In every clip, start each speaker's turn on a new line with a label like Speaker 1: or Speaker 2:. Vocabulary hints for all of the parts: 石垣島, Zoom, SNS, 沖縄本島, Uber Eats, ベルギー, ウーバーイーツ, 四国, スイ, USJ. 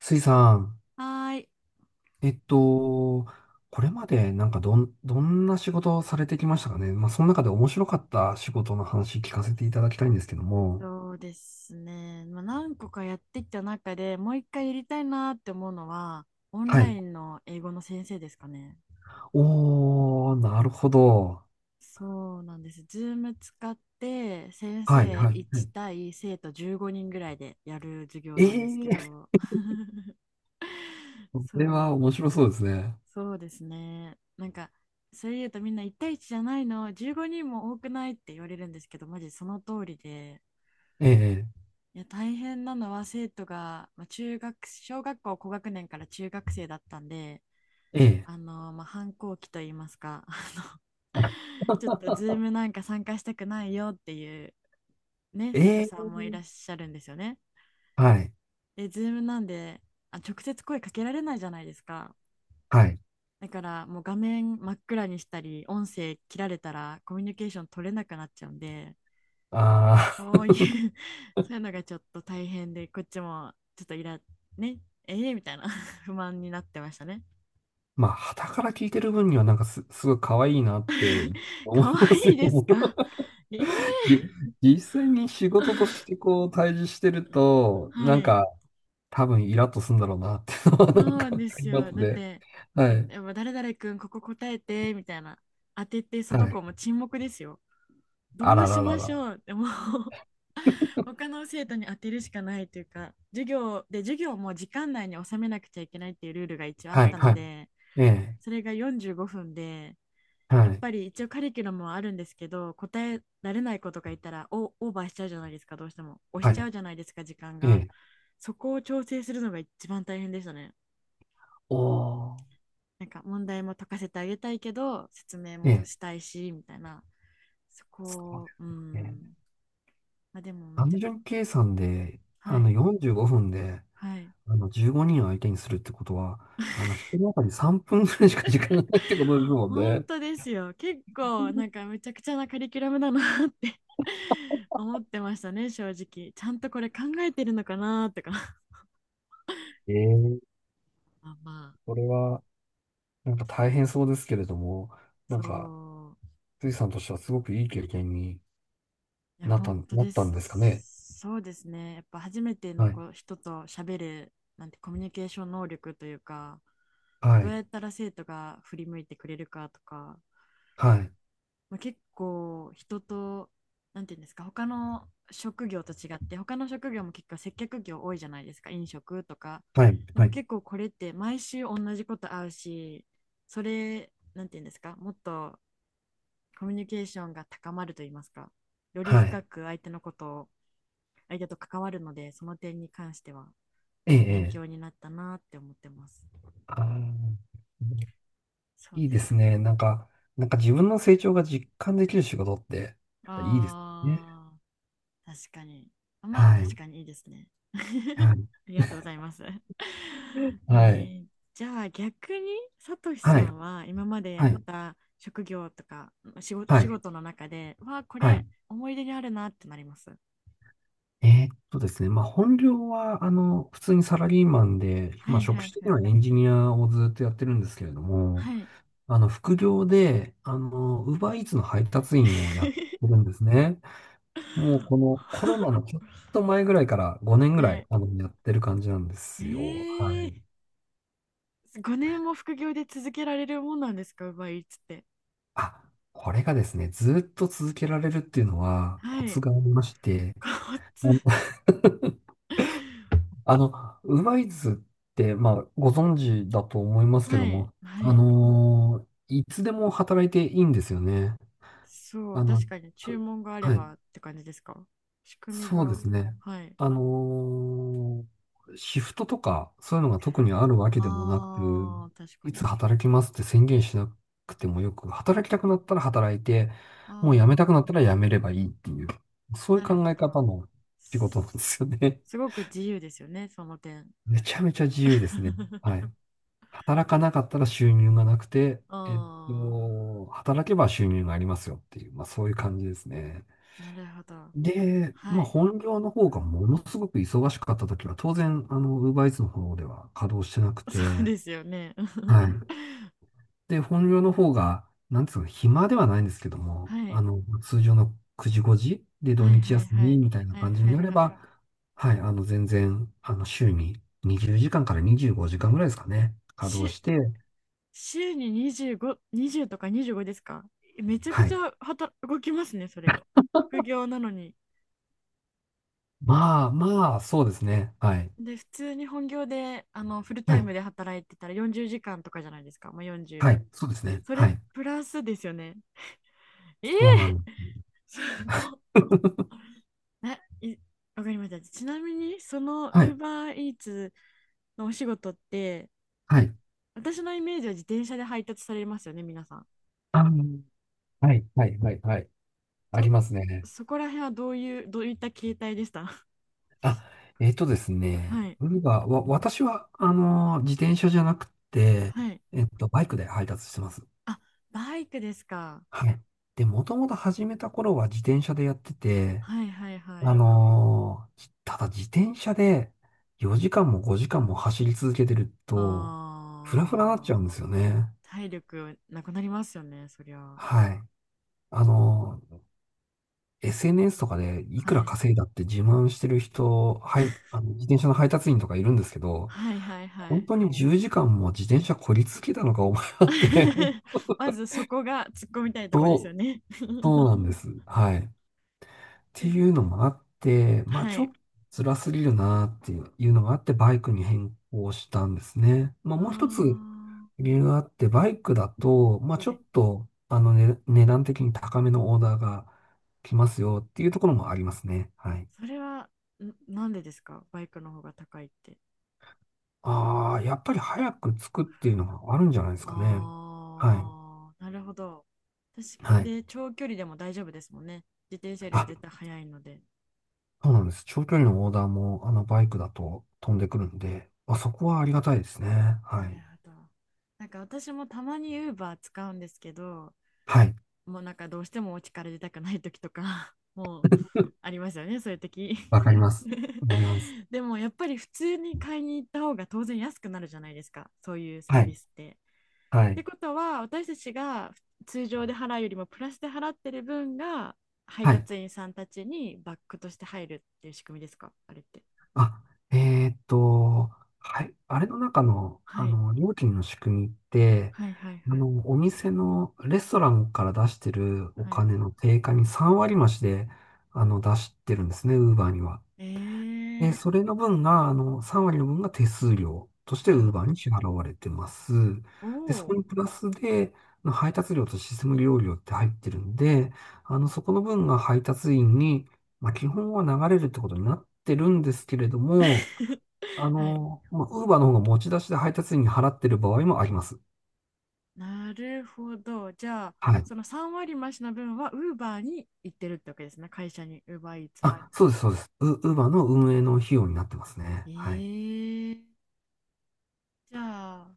Speaker 1: スイさん、
Speaker 2: はーい。
Speaker 1: えっと、これまでなんかどんな仕事をされてきましたかね。まあ、その中で面白かった仕事の話聞かせていただきたいんですけども。
Speaker 2: そうですね。まあ、何個かやってきた中でもう一回やりたいなって思うのは、オン
Speaker 1: は
Speaker 2: ラ
Speaker 1: い。
Speaker 2: インの英語の先生ですかね。
Speaker 1: おー、なるほど。
Speaker 2: そうなんです。Zoom 使って先
Speaker 1: はい、
Speaker 2: 生
Speaker 1: はい、は
Speaker 2: 1
Speaker 1: い。
Speaker 2: 対生徒15人ぐらいでやる授業
Speaker 1: え
Speaker 2: なんですけ
Speaker 1: えー、
Speaker 2: ど、
Speaker 1: こ
Speaker 2: そ
Speaker 1: れは
Speaker 2: う、
Speaker 1: 面白そうですね。
Speaker 2: そうですね。なんか、それ言うとみんな1対1じゃないの、15人も多くないって言われるんですけど、マジその通りで、
Speaker 1: ええ、
Speaker 2: いや大変なのは生徒が、まあ、中学小学校高学年から中学生だったんで
Speaker 1: ええ、
Speaker 2: まあ、反抗期といいますか
Speaker 1: あ
Speaker 2: ちょっとズームなんか参加したくないよっていう、ね、生
Speaker 1: え
Speaker 2: 徒さん
Speaker 1: え、
Speaker 2: もいらっしゃるんですよね。
Speaker 1: はい、
Speaker 2: でズームなんで直接声かけられないじゃないですか。
Speaker 1: はい。
Speaker 2: だからもう画面真っ暗にしたり音声切られたらコミュニケーション取れなくなっちゃうんで、
Speaker 1: あ
Speaker 2: そ
Speaker 1: ー、
Speaker 2: ういう そういうのがちょっと大変で、こっちもちょっとね、えーみたいな 不満になってましたね。
Speaker 1: まあ、傍から聞いてる分にはなんかすごい可愛いなって思い
Speaker 2: 可
Speaker 1: ますけ
Speaker 2: 愛いで
Speaker 1: ど
Speaker 2: す
Speaker 1: も。
Speaker 2: か？ええ
Speaker 1: じ、実際に仕事と
Speaker 2: ー
Speaker 1: してこう対峙してる と、
Speaker 2: は
Speaker 1: なん
Speaker 2: い。
Speaker 1: か多分イラッとするんだろうなっていうのは
Speaker 2: そ
Speaker 1: なん
Speaker 2: うな
Speaker 1: か
Speaker 2: ん
Speaker 1: わ
Speaker 2: で
Speaker 1: かり
Speaker 2: す
Speaker 1: ま
Speaker 2: よ。
Speaker 1: す
Speaker 2: だっ
Speaker 1: ね。
Speaker 2: て、
Speaker 1: は
Speaker 2: だっ
Speaker 1: い。
Speaker 2: て誰々くん、ここ答えて、みたいな。当てて、そ
Speaker 1: は
Speaker 2: の子
Speaker 1: い。
Speaker 2: も沈黙ですよ。
Speaker 1: あ
Speaker 2: ど
Speaker 1: ら
Speaker 2: うし
Speaker 1: らら
Speaker 2: まし
Speaker 1: ら。
Speaker 2: ょうってもう 他の生徒に当てるしかないというか、授業も時間内に収めなくちゃいけないっていうルールが一応あっ
Speaker 1: はい。
Speaker 2: たの
Speaker 1: はい。
Speaker 2: で、
Speaker 1: ええ。
Speaker 2: それが45分で、や
Speaker 1: は
Speaker 2: っ
Speaker 1: い。
Speaker 2: ぱり一応カリキュラムはあるんですけど、答えられない子とかいたらオーバーしちゃうじゃないですか、どうしても。押し
Speaker 1: は
Speaker 2: ちゃ
Speaker 1: い。
Speaker 2: うじゃないですか、時間
Speaker 1: え
Speaker 2: が。
Speaker 1: え。
Speaker 2: そこを調整するのが一番大変でしたね。
Speaker 1: おー。
Speaker 2: なんか問題も解かせてあげたいけど、説明
Speaker 1: え
Speaker 2: も
Speaker 1: え。
Speaker 2: したいし、みたいな。そ
Speaker 1: そう
Speaker 2: こ
Speaker 1: で
Speaker 2: を、う
Speaker 1: すよね。
Speaker 2: ん。まあ、でもめ
Speaker 1: 単
Speaker 2: ちゃく
Speaker 1: 純
Speaker 2: ちゃ。
Speaker 1: 計算で、
Speaker 2: はい。
Speaker 1: 45分で、
Speaker 2: はい。
Speaker 1: 15人を相手にするってことは、一人当たり3分ぐらいしか時間がないってことですもん
Speaker 2: 本
Speaker 1: ね。
Speaker 2: 当ですよ。結構、なんかめちゃくちゃなカリキュラムだなって 思ってましたね、正直。ちゃんとこれ考えてるのかなとか
Speaker 1: ええ、
Speaker 2: まあまあ。
Speaker 1: これは。なんか大変そうですけれども、な
Speaker 2: そ
Speaker 1: んか、
Speaker 2: う。
Speaker 1: スイさんとしてはすごくいい経験に
Speaker 2: いや、本当
Speaker 1: なっ
Speaker 2: で
Speaker 1: たんですかね。
Speaker 2: す。そうですね。やっぱ初めての
Speaker 1: はい。
Speaker 2: 子人と喋る、なんてコミュニケーション能力というか、
Speaker 1: は
Speaker 2: どう
Speaker 1: い。
Speaker 2: やったら生徒が振り向いてくれるかとか、
Speaker 1: はい。
Speaker 2: まあ、結構人と、なんていうんですか、他の職業と違って、他の職業も結構接客業多いじゃないですか、飲食とか。
Speaker 1: はい。
Speaker 2: で
Speaker 1: は
Speaker 2: も
Speaker 1: い。
Speaker 2: 結構これって毎週同じこと会うし、それ、なんていうんですか、もっとコミュニケーションが高まると言いますか、より
Speaker 1: はい。
Speaker 2: 深く相手のことを相手と関わるので、その点に関しては、
Speaker 1: え
Speaker 2: いい勉
Speaker 1: え。え
Speaker 2: 強
Speaker 1: え。
Speaker 2: になったなって思ってます。
Speaker 1: あー、
Speaker 2: そう
Speaker 1: いい
Speaker 2: で
Speaker 1: です
Speaker 2: すね。
Speaker 1: ね。なんか自分の成長が実感できる仕事って、やっぱいいですね。
Speaker 2: ああ、確かに。まあ、
Speaker 1: は
Speaker 2: 確
Speaker 1: い。
Speaker 2: かにいいですね。
Speaker 1: はい。
Speaker 2: ありがとうございます。え
Speaker 1: はい。
Speaker 2: ーじゃあ逆に、さとしさ
Speaker 1: はい。
Speaker 2: んは今までや
Speaker 1: は
Speaker 2: っ
Speaker 1: い。
Speaker 2: た職業とか仕事、
Speaker 1: は
Speaker 2: 仕
Speaker 1: い。
Speaker 2: 事の中で、わあ、こ
Speaker 1: は
Speaker 2: れ
Speaker 1: い。
Speaker 2: 思い出にあるなってなります。
Speaker 1: ですね。まあ、本業は、普通にサラリーマンで、
Speaker 2: は
Speaker 1: まあ、
Speaker 2: い
Speaker 1: 職
Speaker 2: は
Speaker 1: 種
Speaker 2: い
Speaker 1: 的
Speaker 2: は
Speaker 1: には
Speaker 2: い。
Speaker 1: エンジニアをずっとやってるんですけれども、
Speaker 2: はい。
Speaker 1: 副業で、ウーバーイーツの配達員をやってる んですね。もうこのコロナのちょっと前ぐらいから5年ぐら
Speaker 2: は
Speaker 1: い、
Speaker 2: い。
Speaker 1: やってる感じなんですよ。は
Speaker 2: ええー、
Speaker 1: い。
Speaker 2: 5年も副業で続けられるもんなんですか？奪いっつって。
Speaker 1: あ、これがですね、ずっと続けられるっていうのはコ
Speaker 2: は
Speaker 1: ツ
Speaker 2: い。
Speaker 1: がありまして、
Speaker 2: こっ
Speaker 1: あ
Speaker 2: つ。
Speaker 1: の あの、ウーバーイーツって、まあ、ご存知だと思いますけ
Speaker 2: は
Speaker 1: ど
Speaker 2: い。
Speaker 1: も、
Speaker 2: はい。
Speaker 1: いつでも働いていいんですよね。
Speaker 2: そう、
Speaker 1: あの、
Speaker 2: 確かに注文があれ
Speaker 1: はい。
Speaker 2: ばって感じですか？仕組み
Speaker 1: そうで
Speaker 2: が。
Speaker 1: すね。
Speaker 2: はい。
Speaker 1: あのーシフトとか、そういうのが特にあるわけでもなく、
Speaker 2: ああ、確か
Speaker 1: い
Speaker 2: に。
Speaker 1: つ働きますって宣言しなくてもよく、働きたくなったら働いて、
Speaker 2: あ
Speaker 1: もう辞めたくなったら辞めればいいっていう、そう
Speaker 2: あ、
Speaker 1: いう
Speaker 2: なる
Speaker 1: 考
Speaker 2: ほ
Speaker 1: え
Speaker 2: ど。
Speaker 1: 方の仕事なんで
Speaker 2: す
Speaker 1: すよね。
Speaker 2: すごく自由ですよね、その点。
Speaker 1: めちゃめちゃ自由ですね。は い。働かなかったら収入がなくて、
Speaker 2: あ
Speaker 1: 働けば収入がありますよっていう、まあそういう感じですね。
Speaker 2: あ、なるほど。
Speaker 1: で、
Speaker 2: は
Speaker 1: まあ、
Speaker 2: い。
Speaker 1: 本業の方がものすごく忙しかった時は、当然、UberEats の方では稼働してなく
Speaker 2: そう
Speaker 1: て、
Speaker 2: ですよね。
Speaker 1: はい。で、本業の方が、なんつうの、暇ではないんですけど も、
Speaker 2: はい。
Speaker 1: 通常の9時5時で土
Speaker 2: はい
Speaker 1: 日
Speaker 2: はい
Speaker 1: 休
Speaker 2: は
Speaker 1: み
Speaker 2: い、
Speaker 1: みたいな
Speaker 2: はい
Speaker 1: 感じ
Speaker 2: は
Speaker 1: に
Speaker 2: い
Speaker 1: なれ
Speaker 2: はい。
Speaker 1: ば、はい、全然、週に20時間かんから25時間ぐらいですかね、稼働
Speaker 2: し
Speaker 1: して、
Speaker 2: 週に25、20とか25ですか？めちゃく
Speaker 1: は
Speaker 2: ち
Speaker 1: い。
Speaker 2: ゃ働動きますね、それ。副業なのに。
Speaker 1: まあ、そうですね。はい。
Speaker 2: で、普通に本業でフルタ
Speaker 1: は
Speaker 2: イ
Speaker 1: い。
Speaker 2: ムで働いてたら40時間とかじゃないですか。もう4
Speaker 1: はい。そうですね。
Speaker 2: そ
Speaker 1: は
Speaker 2: れ
Speaker 1: い。
Speaker 2: プラスですよね。ええ、
Speaker 1: そうなの。
Speaker 2: すごっ、 ない、わかりました。ちなみに、その
Speaker 1: はい。
Speaker 2: Uber Eats のお仕事って、
Speaker 1: はい。
Speaker 2: 私のイメージは自転車で配達されますよね、皆さん。
Speaker 1: あの、はい、はい、はい、はい。あり
Speaker 2: と、
Speaker 1: ますね。
Speaker 2: そこら辺はどういった形態でした？
Speaker 1: あ、です
Speaker 2: は
Speaker 1: ね。
Speaker 2: い
Speaker 1: ウーバーは、私は、自転車じゃなくて、
Speaker 2: はい、
Speaker 1: バイクで配達してます。
Speaker 2: あ、バイクですか？
Speaker 1: はい。で、もともと始めた頃は自転車でやってて、
Speaker 2: はいはいはい、
Speaker 1: ただ自転車で4時間も5時間も走り続けてると、フラフラになっ
Speaker 2: あー、
Speaker 1: ちゃうんですよね。
Speaker 2: 体力なくなりますよね、そりゃ。は
Speaker 1: はい。あのー SNS とかでいくら
Speaker 2: い
Speaker 1: 稼いだって自慢してる人、はい、あの自転車の配達員とかいるんですけど、
Speaker 2: はいはいは
Speaker 1: 本
Speaker 2: い
Speaker 1: 当に10時間も自転車こり続けたのか、お前はって
Speaker 2: まずそこが突っ込みたい とこですよ
Speaker 1: そう、
Speaker 2: ね。
Speaker 1: そうな んです。はい。って
Speaker 2: で、
Speaker 1: いうのもあって、まあ
Speaker 2: は
Speaker 1: ちょ
Speaker 2: い、
Speaker 1: っと辛すぎるなっていうのがあって、バイクに変更したんですね。まあ
Speaker 2: あ
Speaker 1: もう一つ
Speaker 2: ー、
Speaker 1: 理由があって、バイクだと、まあち
Speaker 2: は
Speaker 1: ょ
Speaker 2: い。
Speaker 1: っと、ね、値段的に高めのオーダーが来ますよっていうところもありますね。はい。
Speaker 2: それは、なんでですか？バイクの方が高いって。
Speaker 1: ああ、やっぱり早く着くっていうのがあるんじゃないですかね。は
Speaker 2: ああ、なるほど。確か
Speaker 1: い。はい。
Speaker 2: で、長距離でも大丈夫ですもんね。自転車よりは
Speaker 1: あ、
Speaker 2: 絶対速いので。
Speaker 1: そうなんです。長距離のオーダーも、バイクだと飛んでくるんで、あ、そこはありがたいですね。
Speaker 2: な
Speaker 1: は
Speaker 2: る
Speaker 1: い。
Speaker 2: ほど。なんか私もたまに Uber 使うんですけど、
Speaker 1: はい。
Speaker 2: もうなんかどうしてもお家から出たくない時とか、もうありますよね、そういう時。
Speaker 1: わかります。わかります。
Speaker 2: でもやっぱり普通に買いに行った方が当然安くなるじゃないですか、そういうサー
Speaker 1: はい。
Speaker 2: ビスって。
Speaker 1: は
Speaker 2: っ
Speaker 1: い。
Speaker 2: てことは私たちが通常で払うよりもプラスで払ってる分が配
Speaker 1: はい。
Speaker 2: 達員さんたちにバックとして入るっていう仕組みですか、あれって。
Speaker 1: あ、えーっと、はい。あれの中の、
Speaker 2: はい
Speaker 1: 料金の仕組みって、
Speaker 2: はいはいはい。
Speaker 1: お店のレストランから出してるお
Speaker 2: はい、
Speaker 1: 金の定価に3割増しで、出してるんですね、ウーバーには。
Speaker 2: えー、
Speaker 1: それの分が、3割の分が手数料として
Speaker 2: なるほ
Speaker 1: Uber
Speaker 2: ど。
Speaker 1: に支払われてます。
Speaker 2: お
Speaker 1: で、そこ
Speaker 2: お。
Speaker 1: にプラスで、あの配達料とシステム利用料って入ってるんで、そこの分が配達員に、まあ、基本は流れるってことになってるんですけれども、
Speaker 2: はい。
Speaker 1: まあ、Uber の方が持ち出しで配達員に払ってる場合もあります。
Speaker 2: なるほど。じゃあ
Speaker 1: はい。
Speaker 2: その3割増しの分はウーバーに行ってるってわけですね。会社に、ウーバーいつも
Speaker 1: あ、そうです、そうです。Uber の運営の費用になってますね。はい。
Speaker 2: に。じゃあ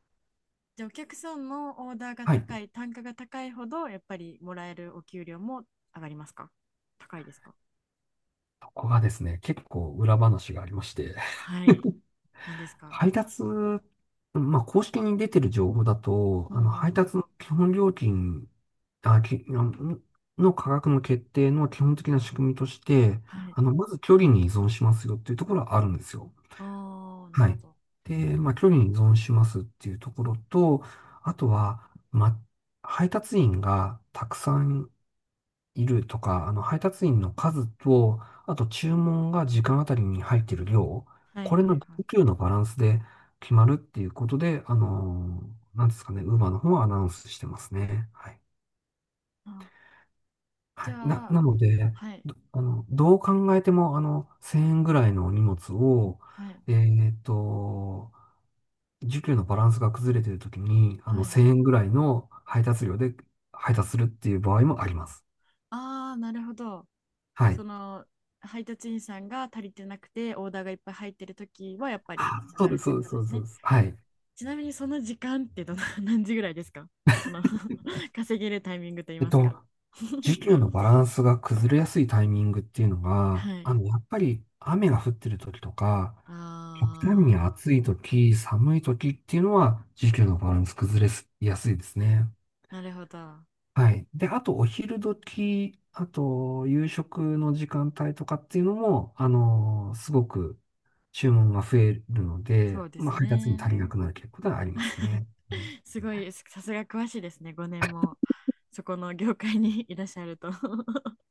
Speaker 2: じゃあお客さんのオーダーが
Speaker 1: はい。
Speaker 2: 高い、単価が高いほど、やっぱりもらえるお給料も上がりますか？高いですか？
Speaker 1: ここがですね、結構裏話がありまして、
Speaker 2: はい。なんですか？
Speaker 1: 配達、まあ、公式に出てる情報だと、
Speaker 2: うんう
Speaker 1: 配
Speaker 2: ん。
Speaker 1: 達の基本料金、あのの価格の決定の基本的な仕組みとして、
Speaker 2: はい。
Speaker 1: まず距離に依存しますよっていうところはあるんですよ。
Speaker 2: ああ、なる
Speaker 1: は
Speaker 2: ほ
Speaker 1: い。
Speaker 2: ど。
Speaker 1: で、まあ、距離に依存しますっていうところと、あとは、ま、配達員がたくさんいるとか、配達員の数と、あと注文が時間あたりに入っている量、
Speaker 2: はい
Speaker 1: これ
Speaker 2: は
Speaker 1: の
Speaker 2: いはい。
Speaker 1: 需給のバランスで決まるっていうことで、なんですかね、ウーバーの方はアナウンスしてますね。はい。
Speaker 2: あ、じ
Speaker 1: は
Speaker 2: ゃ
Speaker 1: い。
Speaker 2: あ、
Speaker 1: なので、
Speaker 2: はい、
Speaker 1: どう考えても、1000円ぐらいの荷物を、
Speaker 2: はい、
Speaker 1: えっと、需給のバランスが崩れているときに、
Speaker 2: はい。
Speaker 1: 1000円ぐらいの配達料で配達するっていう場合もあります。
Speaker 2: ああ、なるほど。
Speaker 1: はい。
Speaker 2: その、配達員さんが足りてなくて、オーダーがいっぱい入ってるときは、やっぱり
Speaker 1: あ、
Speaker 2: 上
Speaker 1: そう
Speaker 2: がる
Speaker 1: で
Speaker 2: っ
Speaker 1: す、
Speaker 2: て
Speaker 1: そうで
Speaker 2: こ
Speaker 1: す、
Speaker 2: と
Speaker 1: そ
Speaker 2: で
Speaker 1: うで
Speaker 2: す
Speaker 1: す。そう
Speaker 2: ね。
Speaker 1: ですはい。
Speaker 2: ちなみに、その時間ってどの、何時ぐらいですか？その 稼げるタイミングといい
Speaker 1: えっ
Speaker 2: ますか。
Speaker 1: と、時 給のバランスが崩れやすいタイミングっていうの
Speaker 2: は
Speaker 1: が、
Speaker 2: い。
Speaker 1: やっぱり雨が降ってる時とか、極端に
Speaker 2: あ
Speaker 1: 暑い時、寒い時っていうのは、時給のバランス崩れやすいですね。
Speaker 2: ー、なるほど。
Speaker 1: はい。で、あと、お昼時、あと、夕食の時間帯とかっていうのも、すごく注文が増えるの
Speaker 2: そ
Speaker 1: で、
Speaker 2: うで
Speaker 1: ま
Speaker 2: す
Speaker 1: あ、配達に
Speaker 2: ね。
Speaker 1: 足りなくなる傾向がありますね。
Speaker 2: すごい、さすが詳しいですね。5年もそこの業界に いらっしゃると。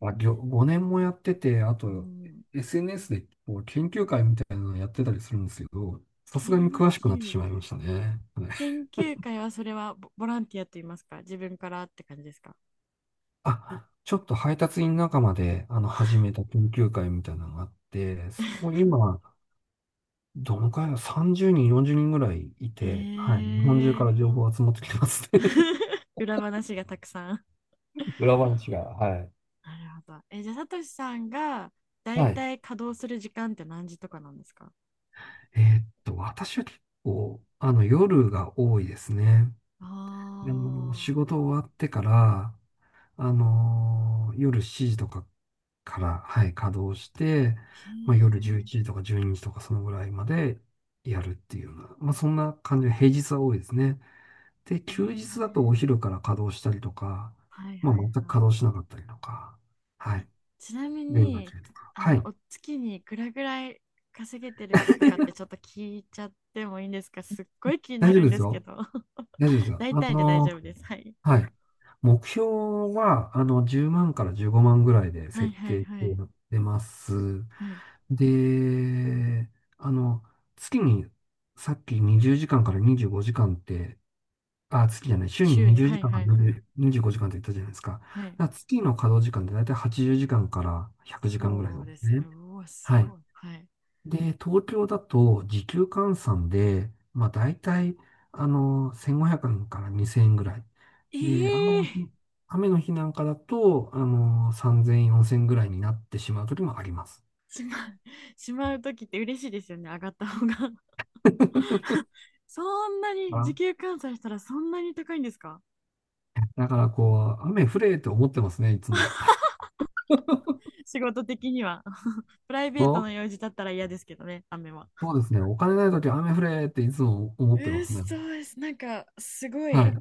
Speaker 1: あ、5年もやってて、あ
Speaker 2: う
Speaker 1: と
Speaker 2: ん、
Speaker 1: SNS でこう研究会みたいなのやってたりするんですけど、さすがに
Speaker 2: 研
Speaker 1: 詳しくなって
Speaker 2: 究
Speaker 1: しまいま
Speaker 2: 会。
Speaker 1: したね。はい。
Speaker 2: 研究会はそれはボランティアと言いますか、自分からって感じですか？
Speaker 1: あ、ちょっと配達員仲間で始めた研究会みたいなのがあって、そこ 今、どのくらいだ ?30 人、40人ぐらいい
Speaker 2: え
Speaker 1: て、はい。日本中か
Speaker 2: ー、
Speaker 1: ら情報集まってきてますね。
Speaker 2: 裏話がたくさん。
Speaker 1: 裏話が、はい。
Speaker 2: なるほど。え、じゃあ、さとしさんがだい
Speaker 1: はい。
Speaker 2: たい稼働する時間って何時とかなんですか？
Speaker 1: 私は結構、夜が多いですね。
Speaker 2: あ
Speaker 1: 仕事
Speaker 2: あ
Speaker 1: 終わってから、夜7時とかから、はい、稼働して、
Speaker 2: ー、
Speaker 1: まあ、夜11
Speaker 2: へえ。
Speaker 1: 時とか12時とかそのぐらいまでやるっていうような、まあ、そんな感じで平日は多いですね。で、
Speaker 2: えー、
Speaker 1: 休日だとお昼から稼働したりとか、
Speaker 2: はい
Speaker 1: まあ、
Speaker 2: はいはい。
Speaker 1: 全く稼働しなかったりとか、はい、
Speaker 2: ちなみ
Speaker 1: 夜が
Speaker 2: に、
Speaker 1: 中とか。はい、
Speaker 2: お月にいくらぐらい稼げてるかとかってちょっと聞いちゃってもいいんですか？すっごい気にな
Speaker 1: 大丈夫
Speaker 2: るん
Speaker 1: で
Speaker 2: で
Speaker 1: す
Speaker 2: すけ
Speaker 1: よ。
Speaker 2: ど。
Speaker 1: 大丈夫ですよ。
Speaker 2: 大体で大丈夫です。はい。
Speaker 1: はい。目標は、10万から15万ぐらいで
Speaker 2: はい
Speaker 1: 設
Speaker 2: はい
Speaker 1: 定し
Speaker 2: は
Speaker 1: て
Speaker 2: い。
Speaker 1: やってます。
Speaker 2: はい。
Speaker 1: で、あの、月に、さっき20時間かんから25時間って、あ、月じゃない、週に
Speaker 2: 週に、
Speaker 1: 20
Speaker 2: は
Speaker 1: 時
Speaker 2: い
Speaker 1: 間か
Speaker 2: は
Speaker 1: ん
Speaker 2: い
Speaker 1: から
Speaker 2: はい。
Speaker 1: 25時間って言ったじゃないですか。だか
Speaker 2: はい。
Speaker 1: ら月の稼働時間ってだいたい80時間かんから100時間ぐらい
Speaker 2: そ
Speaker 1: な
Speaker 2: う
Speaker 1: ん
Speaker 2: で
Speaker 1: です
Speaker 2: すね。
Speaker 1: ね。
Speaker 2: うわ、す
Speaker 1: はい。
Speaker 2: ごい。はい。
Speaker 1: で、東京だと時給換算で、まあ大体、1500円から2000円ぐらい。
Speaker 2: え
Speaker 1: で、
Speaker 2: え
Speaker 1: 雨の日なんかだと、3000円、4000円ぐらいになってしまう時もあります。
Speaker 2: しまう、しまうときって嬉しいですよね。上がった方が。そんなに、時
Speaker 1: あ、
Speaker 2: 給換算したらそんなに高いんですか？
Speaker 1: だからこう、雨降れって思ってますね、いつも。
Speaker 2: 仕事的には。プライ
Speaker 1: そ
Speaker 2: ベート
Speaker 1: う
Speaker 2: の用事だったら嫌ですけどね、雨は。
Speaker 1: そうですね。お金ない時は雨降れっていつも思ってま
Speaker 2: え
Speaker 1: すね。
Speaker 2: そうです。なんか、すご
Speaker 1: はい。
Speaker 2: い、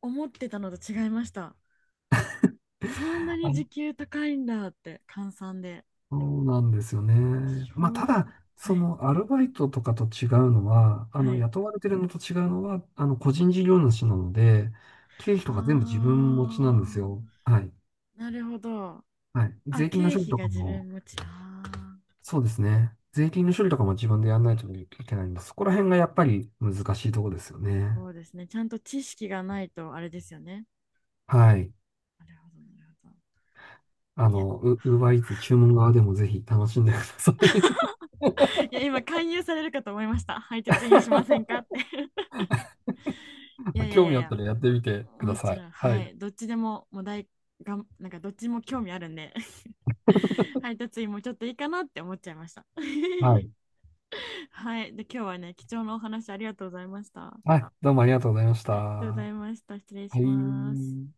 Speaker 2: 思ってたのと違いました。そんなに時給高いんだって、換算で。
Speaker 1: そうなんですよね。まあ、
Speaker 2: 衝
Speaker 1: た
Speaker 2: 撃。
Speaker 1: だ、そ
Speaker 2: はい。
Speaker 1: のアルバイトとかと違うのは、
Speaker 2: はい。
Speaker 1: 雇われてるのと違うのは、個人事業主なので、経費とか全部自分持ちなんです
Speaker 2: あ
Speaker 1: よ。はい。
Speaker 2: ー、なるほど。
Speaker 1: はい。
Speaker 2: あ、
Speaker 1: 税金の
Speaker 2: 経
Speaker 1: 処理
Speaker 2: 費
Speaker 1: と
Speaker 2: が
Speaker 1: か
Speaker 2: 自
Speaker 1: も、
Speaker 2: 分持ち。あ
Speaker 1: そうですね。税金の処理とかも自分でやらないといけないんです。そこら辺がやっぱり難しいところですよ
Speaker 2: ー、そ
Speaker 1: ね。
Speaker 2: うですね。ちゃんと知識がないと、あれですよね。
Speaker 1: はい。
Speaker 2: なるほど、なるほど。いや、
Speaker 1: ウーバーイーツ注文側でもぜひ楽しんでください。
Speaker 2: いや、今、勧誘されるかと思いました。配達員しませんかっ て。いやいやい
Speaker 1: 興
Speaker 2: や
Speaker 1: 味
Speaker 2: い
Speaker 1: あった
Speaker 2: や、
Speaker 1: らやってみてくだ
Speaker 2: も
Speaker 1: さ
Speaker 2: ち
Speaker 1: い。
Speaker 2: ろん、
Speaker 1: は
Speaker 2: は
Speaker 1: い。
Speaker 2: い。どっちでも、もう大がん、なんかどっちも興味あるんで 配達員もちょっといいかなって思っちゃいました。
Speaker 1: はい。
Speaker 2: はい。で、今日はね、貴重なお話ありがとうございました。あ
Speaker 1: はい、どうもありがとうございました。
Speaker 2: りがとうござ
Speaker 1: は
Speaker 2: いました。失礼します。
Speaker 1: い。